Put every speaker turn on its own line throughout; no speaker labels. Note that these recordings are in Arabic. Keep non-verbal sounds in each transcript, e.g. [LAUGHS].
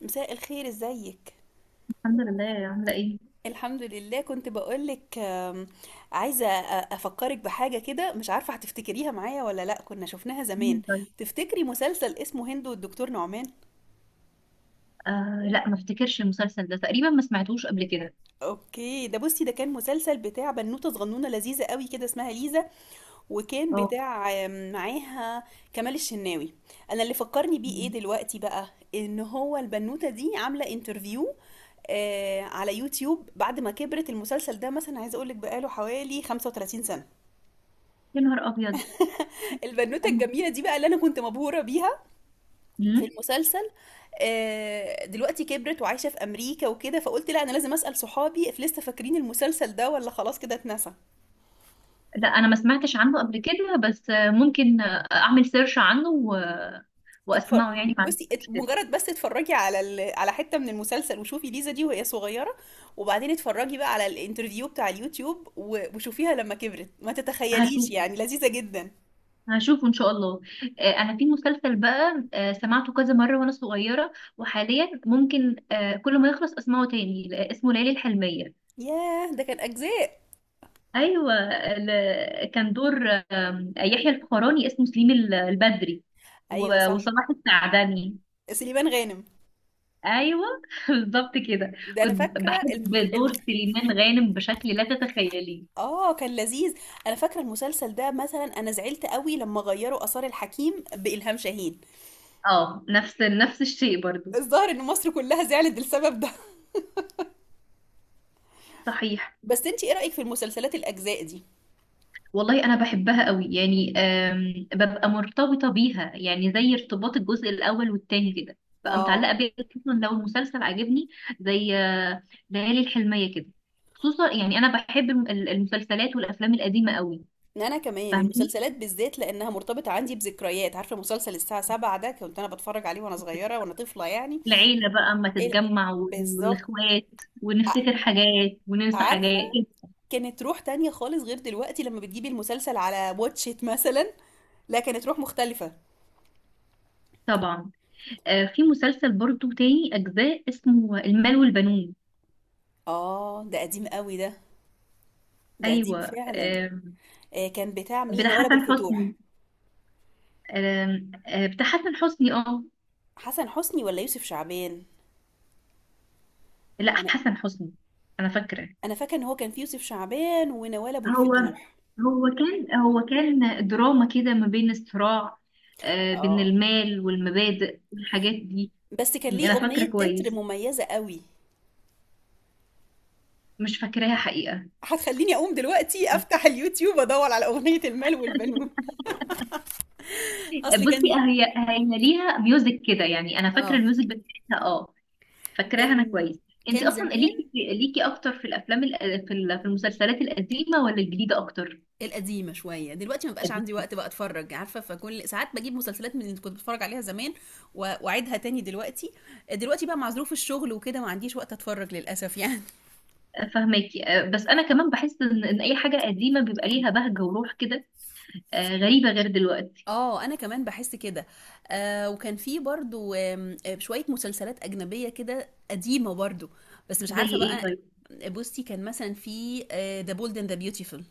مساء الخير، ازيك؟
الحمد لله، عاملة ايه؟
الحمد لله. كنت بقولك عايزة أفكرك بحاجة كده، مش عارفة هتفتكريها معايا ولا لأ. كنا شفناها زمان.
مم، طيب.
تفتكري مسلسل اسمه هند والدكتور نعمان؟
لا، ما افتكرش المسلسل ده تقريبا، ما سمعتوش قبل كده.
اوكي. ده بصي، ده كان مسلسل بتاع بنوتة صغنونة لذيذة قوي كده اسمها ليزا. وكان
اه.
بتاع معاها كمال الشناوي. انا اللي فكرني بيه ايه
مم.
دلوقتي بقى، ان هو البنوتة دي عاملة انترفيو آه على يوتيوب بعد ما كبرت. المسلسل ده مثلا عايزه اقول لك بقاله حوالي 35 سنه.
يا نهار ابيض.
البنوته الجميله دي بقى اللي انا كنت مبهوره بيها في
مم.
المسلسل. دلوقتي كبرت وعايشه في امريكا وكده، فقلت لا انا لازم اسال صحابي if لسه فاكرين المسلسل ده ولا خلاص كده اتنسى.
لا، انا ما سمعتش عنه قبل كده، بس ممكن اعمل سيرش عنه
اتفر...
واسمعه، يعني ما عنديش
بصي،
مشكلة.
مجرد بس اتفرجي على على حتة من المسلسل وشوفي ليزا دي وهي صغيرة، وبعدين اتفرجي بقى على الانترفيو بتاع اليوتيوب وشوفيها لما كبرت. ما تتخيليش
هشوف،
يعني، لذيذة جدا.
هشوفه ان شاء الله. انا في مسلسل بقى سمعته كذا مرة وانا صغيرة، وحاليا ممكن كل ما يخلص اسمعه تاني. لا، اسمه ليالي الحلمية.
ياه، ده كان أجزاء.
ايوه، كان دور يحيى الفخراني، اسمه سليم البدري
أيوة صح،
وصلاح السعدني.
سليمان غانم.
ايوه [LAUGHS] بالظبط كده.
ده أنا
كنت
فاكرة
بحب دور سليمان غانم بشكل لا تتخيليه.
آه كان لذيذ. أنا فاكرة المسلسل ده مثلا أنا زعلت قوي لما غيروا آثار الحكيم بإلهام شاهين.
اه، نفس الشيء برضو.
الظاهر إن مصر كلها زعلت للسبب ده.
صحيح.
بس انتي ايه رأيك في المسلسلات الأجزاء دي؟
والله انا بحبها قوي، يعني ببقى مرتبطه بيها يعني زي ارتباط الجزء الاول والتاني كده، ببقى
اه،
متعلقه بيها خصوصا لو المسلسل عجبني، زي ليالي الحلميه كده. خصوصا يعني انا بحب المسلسلات والافلام القديمه قوي.
انا كمان
فاهمين.
المسلسلات بالذات لانها مرتبطه عندي بذكريات. عارفه مسلسل الساعه 7 ده؟ كنت انا بتفرج عليه وانا صغيره، وانا طفله يعني.
العيله بقى اما
ال-
تتجمع
بالظبط.
والاخوات،
ع-
ونفتكر حاجات وننسى
عارفه،
حاجات.
كانت روح تانية خالص غير دلوقتي لما بتجيبي المسلسل على واتشيت مثلا. لا، كانت روح مختلفه.
طبعا. في مسلسل برضو تاني اجزاء اسمه المال والبنون.
اه ده قديم قوي ده، ده قديم
ايوه.
فعلا. آه كان بتاع مين،
بتاع
نوال ابو
حسن حسني.
الفتوح؟
آم، آه، بتاع حسن حسني. اه،
حسن حسني ولا يوسف شعبان؟
لا،
انا
حسن حسني. انا فاكره.
انا فاكره ان هو كان في يوسف شعبان ونوال ابو
هو
الفتوح.
هو كان دراما كده ما بين الصراع، بين
اه،
المال والمبادئ والحاجات دي.
بس كان ليه
انا فاكره
اغنيه تتر
كويس.
مميزه قوي.
مش فاكراها حقيقه.
هتخليني اقوم دلوقتي افتح اليوتيوب ادور على اغنية المال والبنون. اصلي
بصي،
كان،
هي ليها ميوزك كده يعني، انا فاكره
اه
الميوزك بتاعتها. اه، فاكراها انا
كان
كويس. انت
كان
اصلا
زمان.
ليكي اكتر في الافلام، في المسلسلات القديمه ولا الجديده اكتر؟
القديمه شويه. دلوقتي ما بقاش عندي وقت بقى اتفرج، عارفه؟ فكل ساعات بجيب مسلسلات من اللي كنت بتفرج عليها زمان واعيدها تاني دلوقتي. دلوقتي بقى مع ظروف الشغل وكده ما عنديش وقت اتفرج للاسف يعني.
فهماكي. بس انا كمان بحس ان اي حاجه قديمه بيبقى ليها بهجه وروح كده، غريبه، غير دلوقتي.
اه انا كمان بحس كده. آه، وكان في برضو آم، آه، شوية مسلسلات اجنبية كده قديمة برضو، بس مش
زي
عارفة
ايه
بقى.
طيب؟
بصي كان مثلا في ذا بولد اند ذا بيوتيفول.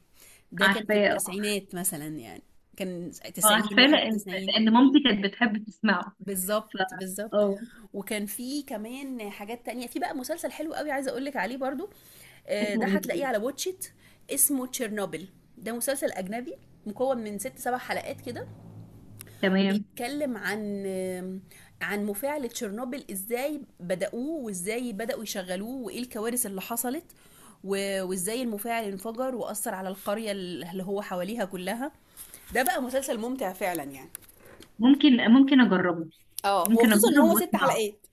ده كان في
عارفاه.
التسعينات مثلا يعني، كان 90
عارفاه لان
91.
لان مامتي كانت بتحب تسمعه.
بالظبط
ف،
بالظبط.
اه
وكان في كمان حاجات تانية، في بقى مسلسل حلو قوي عايزة اقولك عليه برضو.
اسمه
ده
ايه ده؟
هتلاقيه على واتشيت. اسمه تشيرنوبل. ده مسلسل اجنبي مكون من ست سبع حلقات كده.
تمام.
بيتكلم عن مفاعل تشيرنوبل ازاي بدأوه، وازاي بدأوا يشغلوه، وايه الكوارث اللي حصلت وازاي المفاعل انفجر وأثر على القرية اللي هو حواليها كلها. ده بقى مسلسل ممتع فعلا يعني.
ممكن، اجربه.
اه،
ممكن
وخصوصا ان
اجرب
هو ست
واسمعه،
حلقات.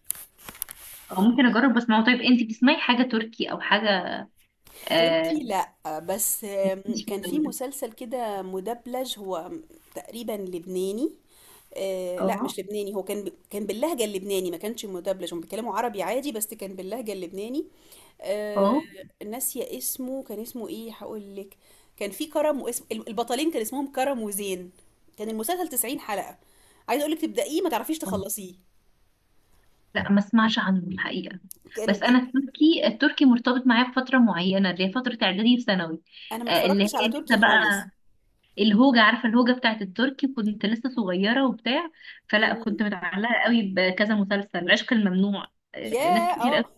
او ممكن اجرب واسمعه. طيب، انت بتسمعي حاجه تركي او حاجه
تركي
آه،
لأ، بس
مش في
كان
الجو
في
ده؟
مسلسل كده مدبلج هو، تقريبا لبناني. لا
اه.
مش لبناني، هو كان كان باللهجة اللبناني، ما كانش مدبلج. هم بيتكلموا عربي عادي بس كان باللهجة اللبناني. آه،
اه،
ناسية اسمه، كان اسمه ايه هقول لك. كان في كرم، واسم البطلين كان اسمهم كرم وزين. كان المسلسل 90 حلقة. عايزة اقول لك، تبدأيه ما تعرفيش تخلصيه.
لا، ما اسمعش عنه الحقيقة.
كان
بس انا
بي...
التركي مرتبط معايا بفترة معينة اللي هي فترة اعدادي وثانوي،
انا ما
اللي
اتفرجتش على
هي
تركي
لسه
خالص.
بقى الهوجة. عارفة الهوجة بتاعت التركي؟ كنت لسه صغيرة وبتاع، فلا
مم.
كنت متعلقة قوي بكذا مسلسل، عشق الممنوع، ناس
ياه
كتير قوي
اه.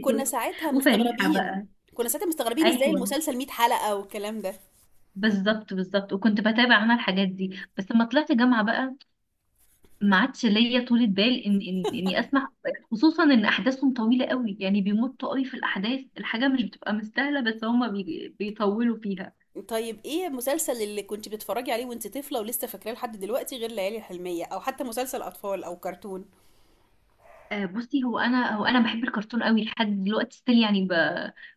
كنا ساعتها
وفريحة بقى.
مستغربين، ازاي
ايوه،
المسلسل 100 حلقة والكلام ده.
بالظبط بالظبط. وكنت بتابع انا الحاجات دي، بس لما طلعت جامعة بقى ما عادش ليا طولة بال ان ان اني اسمع، خصوصا ان احداثهم طويلة قوي، يعني بيمطوا قوي في الاحداث، الحاجة مش بتبقى مستاهلة بس هما بيطولوا فيها.
طيب ايه المسلسل اللي كنت بتتفرجي عليه وانت طفلة ولسه فاكراه لحد دلوقتي، غير ليالي الحلمية، او حتى مسلسل اطفال او كرتون؟
آه، بصي، هو انا بحب الكرتون قوي لحد دلوقتي ستيل، يعني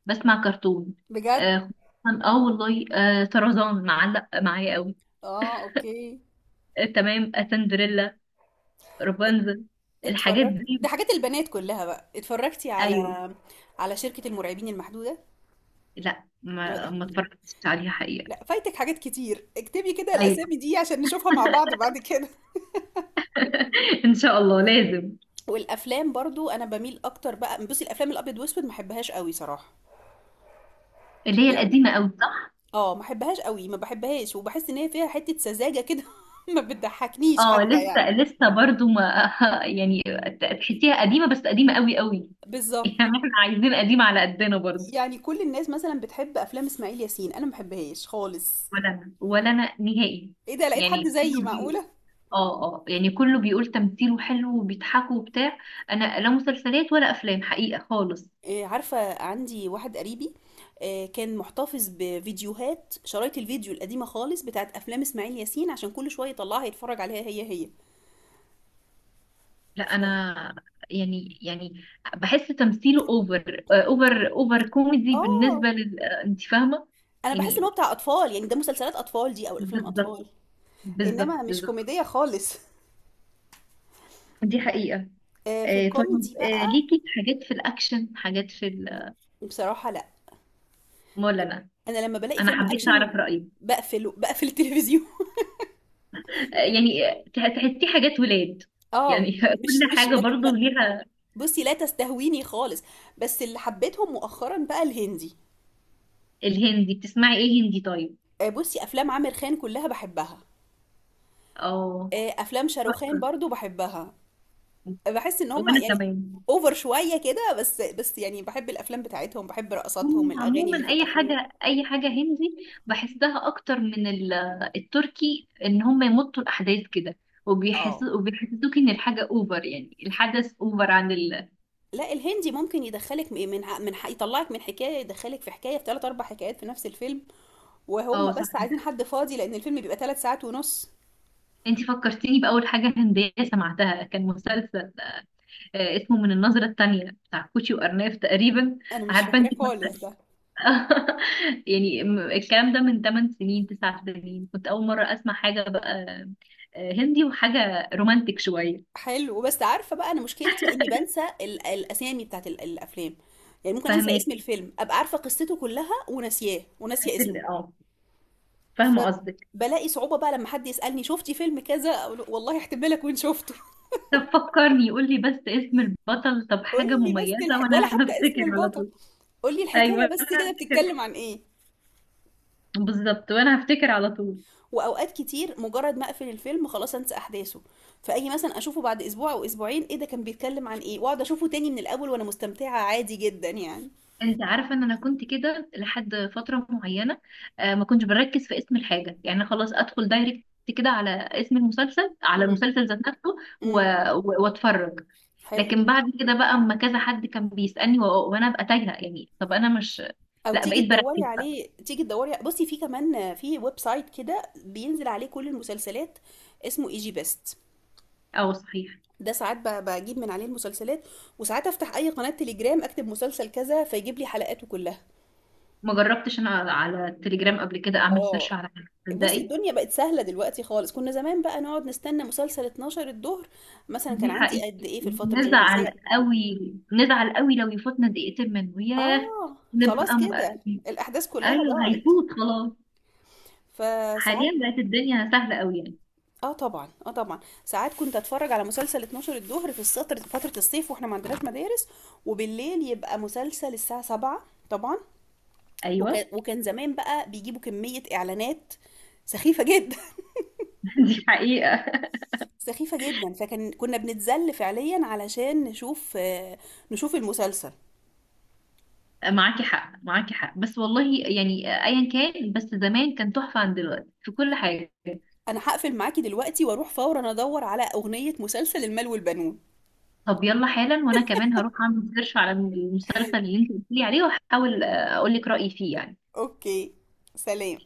بسمع كرتون.
بجد؟
اه. خصوصاً- آه والله، طرزان معلق معايا قوي.
اه اوكي.
تمام. سندريلا، رابنزل، الحاجات
اتفرجت؟
دي.
ده حاجات البنات كلها بقى. اتفرجتي
ايوه.
على شركة المرعبين المحدودة؟
لا، ما اتفرجتش عليها حقيقة.
لا، فايتك حاجات كتير. اكتبي كده
ايوه
الاسامي دي عشان نشوفها مع بعض بعد كده.
[LAUGHS] ان شاء الله لازم.
والافلام برضو، انا بميل اكتر بقى، بصي، الافلام الابيض واسود ما بحبهاش قوي صراحه
اللي هي
يعني.
القديمة قوي، صح.
اه ما بحبهاش قوي، ما بحبهاش، وبحس ان هي فيها حته سذاجه كده. [LAUGHS] ما بتضحكنيش
اه،
حتى يعني.
لسه برضو ما [LAUGHS] يعني تحسيها قديمه، بس قديمه قوي قوي [LAUGHS]
بالظبط.
يعني احنا عايزين قديمه على قدنا برضو.
يعني كل الناس مثلا بتحب افلام اسماعيل ياسين، انا ما بحبهاش خالص.
ولا انا، ولا انا نهائي.
ايه ده، لقيت
يعني
حد زيي؟
كله بي...
معقوله؟
اه اه يعني كله بيقول تمثيله حلو وبيضحكوا وبتاع. انا لا مسلسلات ولا افلام حقيقه خالص.
إيه، عارفه عندي واحد قريبي، كان محتفظ بفيديوهات، شرايط الفيديو القديمه خالص، بتاعت افلام اسماعيل ياسين، عشان كل شويه يطلعها يتفرج عليها هي هي.
لا
ف...
انا. يعني، بحس تمثيله اوفر اوفر اوفر كوميدي،
اه،
بالنسبه لل، انت فاهمه
انا بحس ان
يعني.
هو بتاع اطفال يعني. ده مسلسلات اطفال دي، او الافلام
بالظبط
اطفال،
بالظبط
انما مش
بالظبط.
كوميديه خالص.
دي حقيقة.
في
طيب.
الكوميدي بقى.
ليكي في حاجات في الأكشن، حاجات في
بصراحه لا.
ولا لا؟
انا لما بلاقي
أنا
فيلم
حبيت
اكشن،
أعرف رأيك.
بقفله، بقفل التلفزيون. [LAUGHS]
يعني تحسي حاجات ولاد، يعني
اه،
[LAUGHS] كل
مش
حاجة برضو ليها.
بصي لا تستهويني خالص. بس اللي حبيتهم مؤخرا بقى الهندي.
الهندي بتسمعي إيه هندي طيب؟
بصي افلام عامر خان كلها بحبها.
اه،
افلام شاروخان
تحفة.
برضو بحبها. بحس ان هم
وأنا
يعني
كمان.
اوفر شويه كده، بس يعني بحب الافلام بتاعتهم، بحب رقصاتهم،
هم
الاغاني اللي
عموما
في
أي
الافلام.
حاجة أي حاجة هندي، بحسها أكتر من التركي، إن هم يمطوا الأحداث كده،
اه،
وبيحسوا وبيحسسوك إن الحاجة أوفر، يعني الحدث أوفر عن ال.
لا الهندي ممكن يدخلك م- من يطلعك من حكايه يدخلك في حكايه، في ثلاث اربع حكايات في نفس الفيلم.
اه،
وهم
صح.
بس عايزين حد فاضي، لان الفيلم بيبقى ثلاث ساعات ونص.
انتي فكرتيني بأول حاجة هندية سمعتها، كان مسلسل اسمه من النظرة التانية، بتاع كوتشي وأرناف تقريبا.
انا مش
عارفة
فاكراه
انتي
خالص ده.
[LAUGHS] يعني الكلام ده من 8 سنين، 9 سنين، كنت أول مرة أسمع حاجة بقى هندي وحاجة رومانتك شوية.
حلو. بس عارفه بقى، انا مشكلتي اني بنسى الاسامي بتاعت الافلام. يعني ممكن انسى
فاهماك.
اسم الفيلم، ابقى عارفه قصته كلها وناسياه،
بس
وناسيه
ال-
اسمه.
اه فاهمة قصدك.
فبلاقي صعوبه بقى لما حد يسالني شفتي فيلم كذا، اقول له والله احتمال اكون شفته.
طب فكرني، قولي بس اسم البطل، طب
[LAUGHS] قول
حاجة
لي بس
مميزة،
ولا
وأنا [LAUGHS]
حتى اسم
هفتكر على
البطل.
طول.
قول لي الحكايه
أيوة.
بس
أنا
كده،
هفتكر.
بتتكلم عن ايه.
بالظبط، وأنا هفتكر على طول.
واوقات كتير مجرد ما اقفل الفيلم خلاص انسى احداثه، فاجي مثلا اشوفه بعد اسبوع او اسبوعين، ايه ده، كان بيتكلم عن ايه، واقعد اشوفه تاني من الاول وانا مستمتعة عادي جدا يعني.
انت عارفه ان انا كنت كده لحد فتره معينه، ما كنتش بركز في اسم الحاجه، يعني خلاص ادخل دايركت كده على اسم المسلسل، على
امم،
المسلسل ذات نفسه و-
امم.
واتفرج.
حلو.
لكن بعد كده بقى اما كذا حد كان بيسالني وانا ابقى تايهه، يعني طب انا مش.
او
لا،
تيجي
بقيت
تدوري
بركز بقى.
عليه، تيجي تدوري بصي في كمان، في ويب سايت كده بينزل عليه كل المسلسلات، اسمه اي جي بيست.
اه، صحيح.
ده ساعات بجيب من عليه المسلسلات، وساعات افتح اي قناة تليجرام، اكتب مسلسل كذا فيجيب لي حلقاته كلها.
ما جربتش انا على التليجرام قبل كده اعمل سيرش
اه.
على حاجه،
بصي
تصدقي.
الدنيا بقت سهلة دلوقتي خالص. كنا زمان بقى نقعد نستنى مسلسل 12 الظهر مثلا، كان
دي
عندي قد
حقيقي.
ايه في الفترة دي، مثلا
نزعل
ساعة.
قوي، لو يفوتنا دقيقتين منه، ياه.
اه، خلاص
نبقى م-
كده، الأحداث كلها
ايوه،
ضاعت.
هيفوت خلاص.
فساعات،
حاليا بقت الدنيا سهله قوي يعني.
اه طبعا، اه طبعا، ساعات كنت اتفرج على مسلسل 12 الظهر في السطر فترة الصيف واحنا ما عندناش مدارس، وبالليل يبقى مسلسل الساعة 7. طبعا. وكان
ايوه
وكان زمان بقى بيجيبوا كمية إعلانات سخيفة جدا. [LAUGHS]
[LAUGHS] دي حقيقه.
سخيفة جدا. كنا بنتذل فعليا علشان نشوف نشوف المسلسل.
معاكي حق، معاكي حق، بس والله يعني ايا كان، بس زمان كان تحفه عن دلوقتي في كل حاجه.
انا هقفل معاكي دلوقتي واروح فورا ادور على اغنية مسلسل المال والبنون.
طب يلا حالا، وانا كمان هروح اعمل سيرش على المسلسل اللي انت قلت لي عليه واحاول اقول لك رايي فيه يعني.
اوكي، سلام.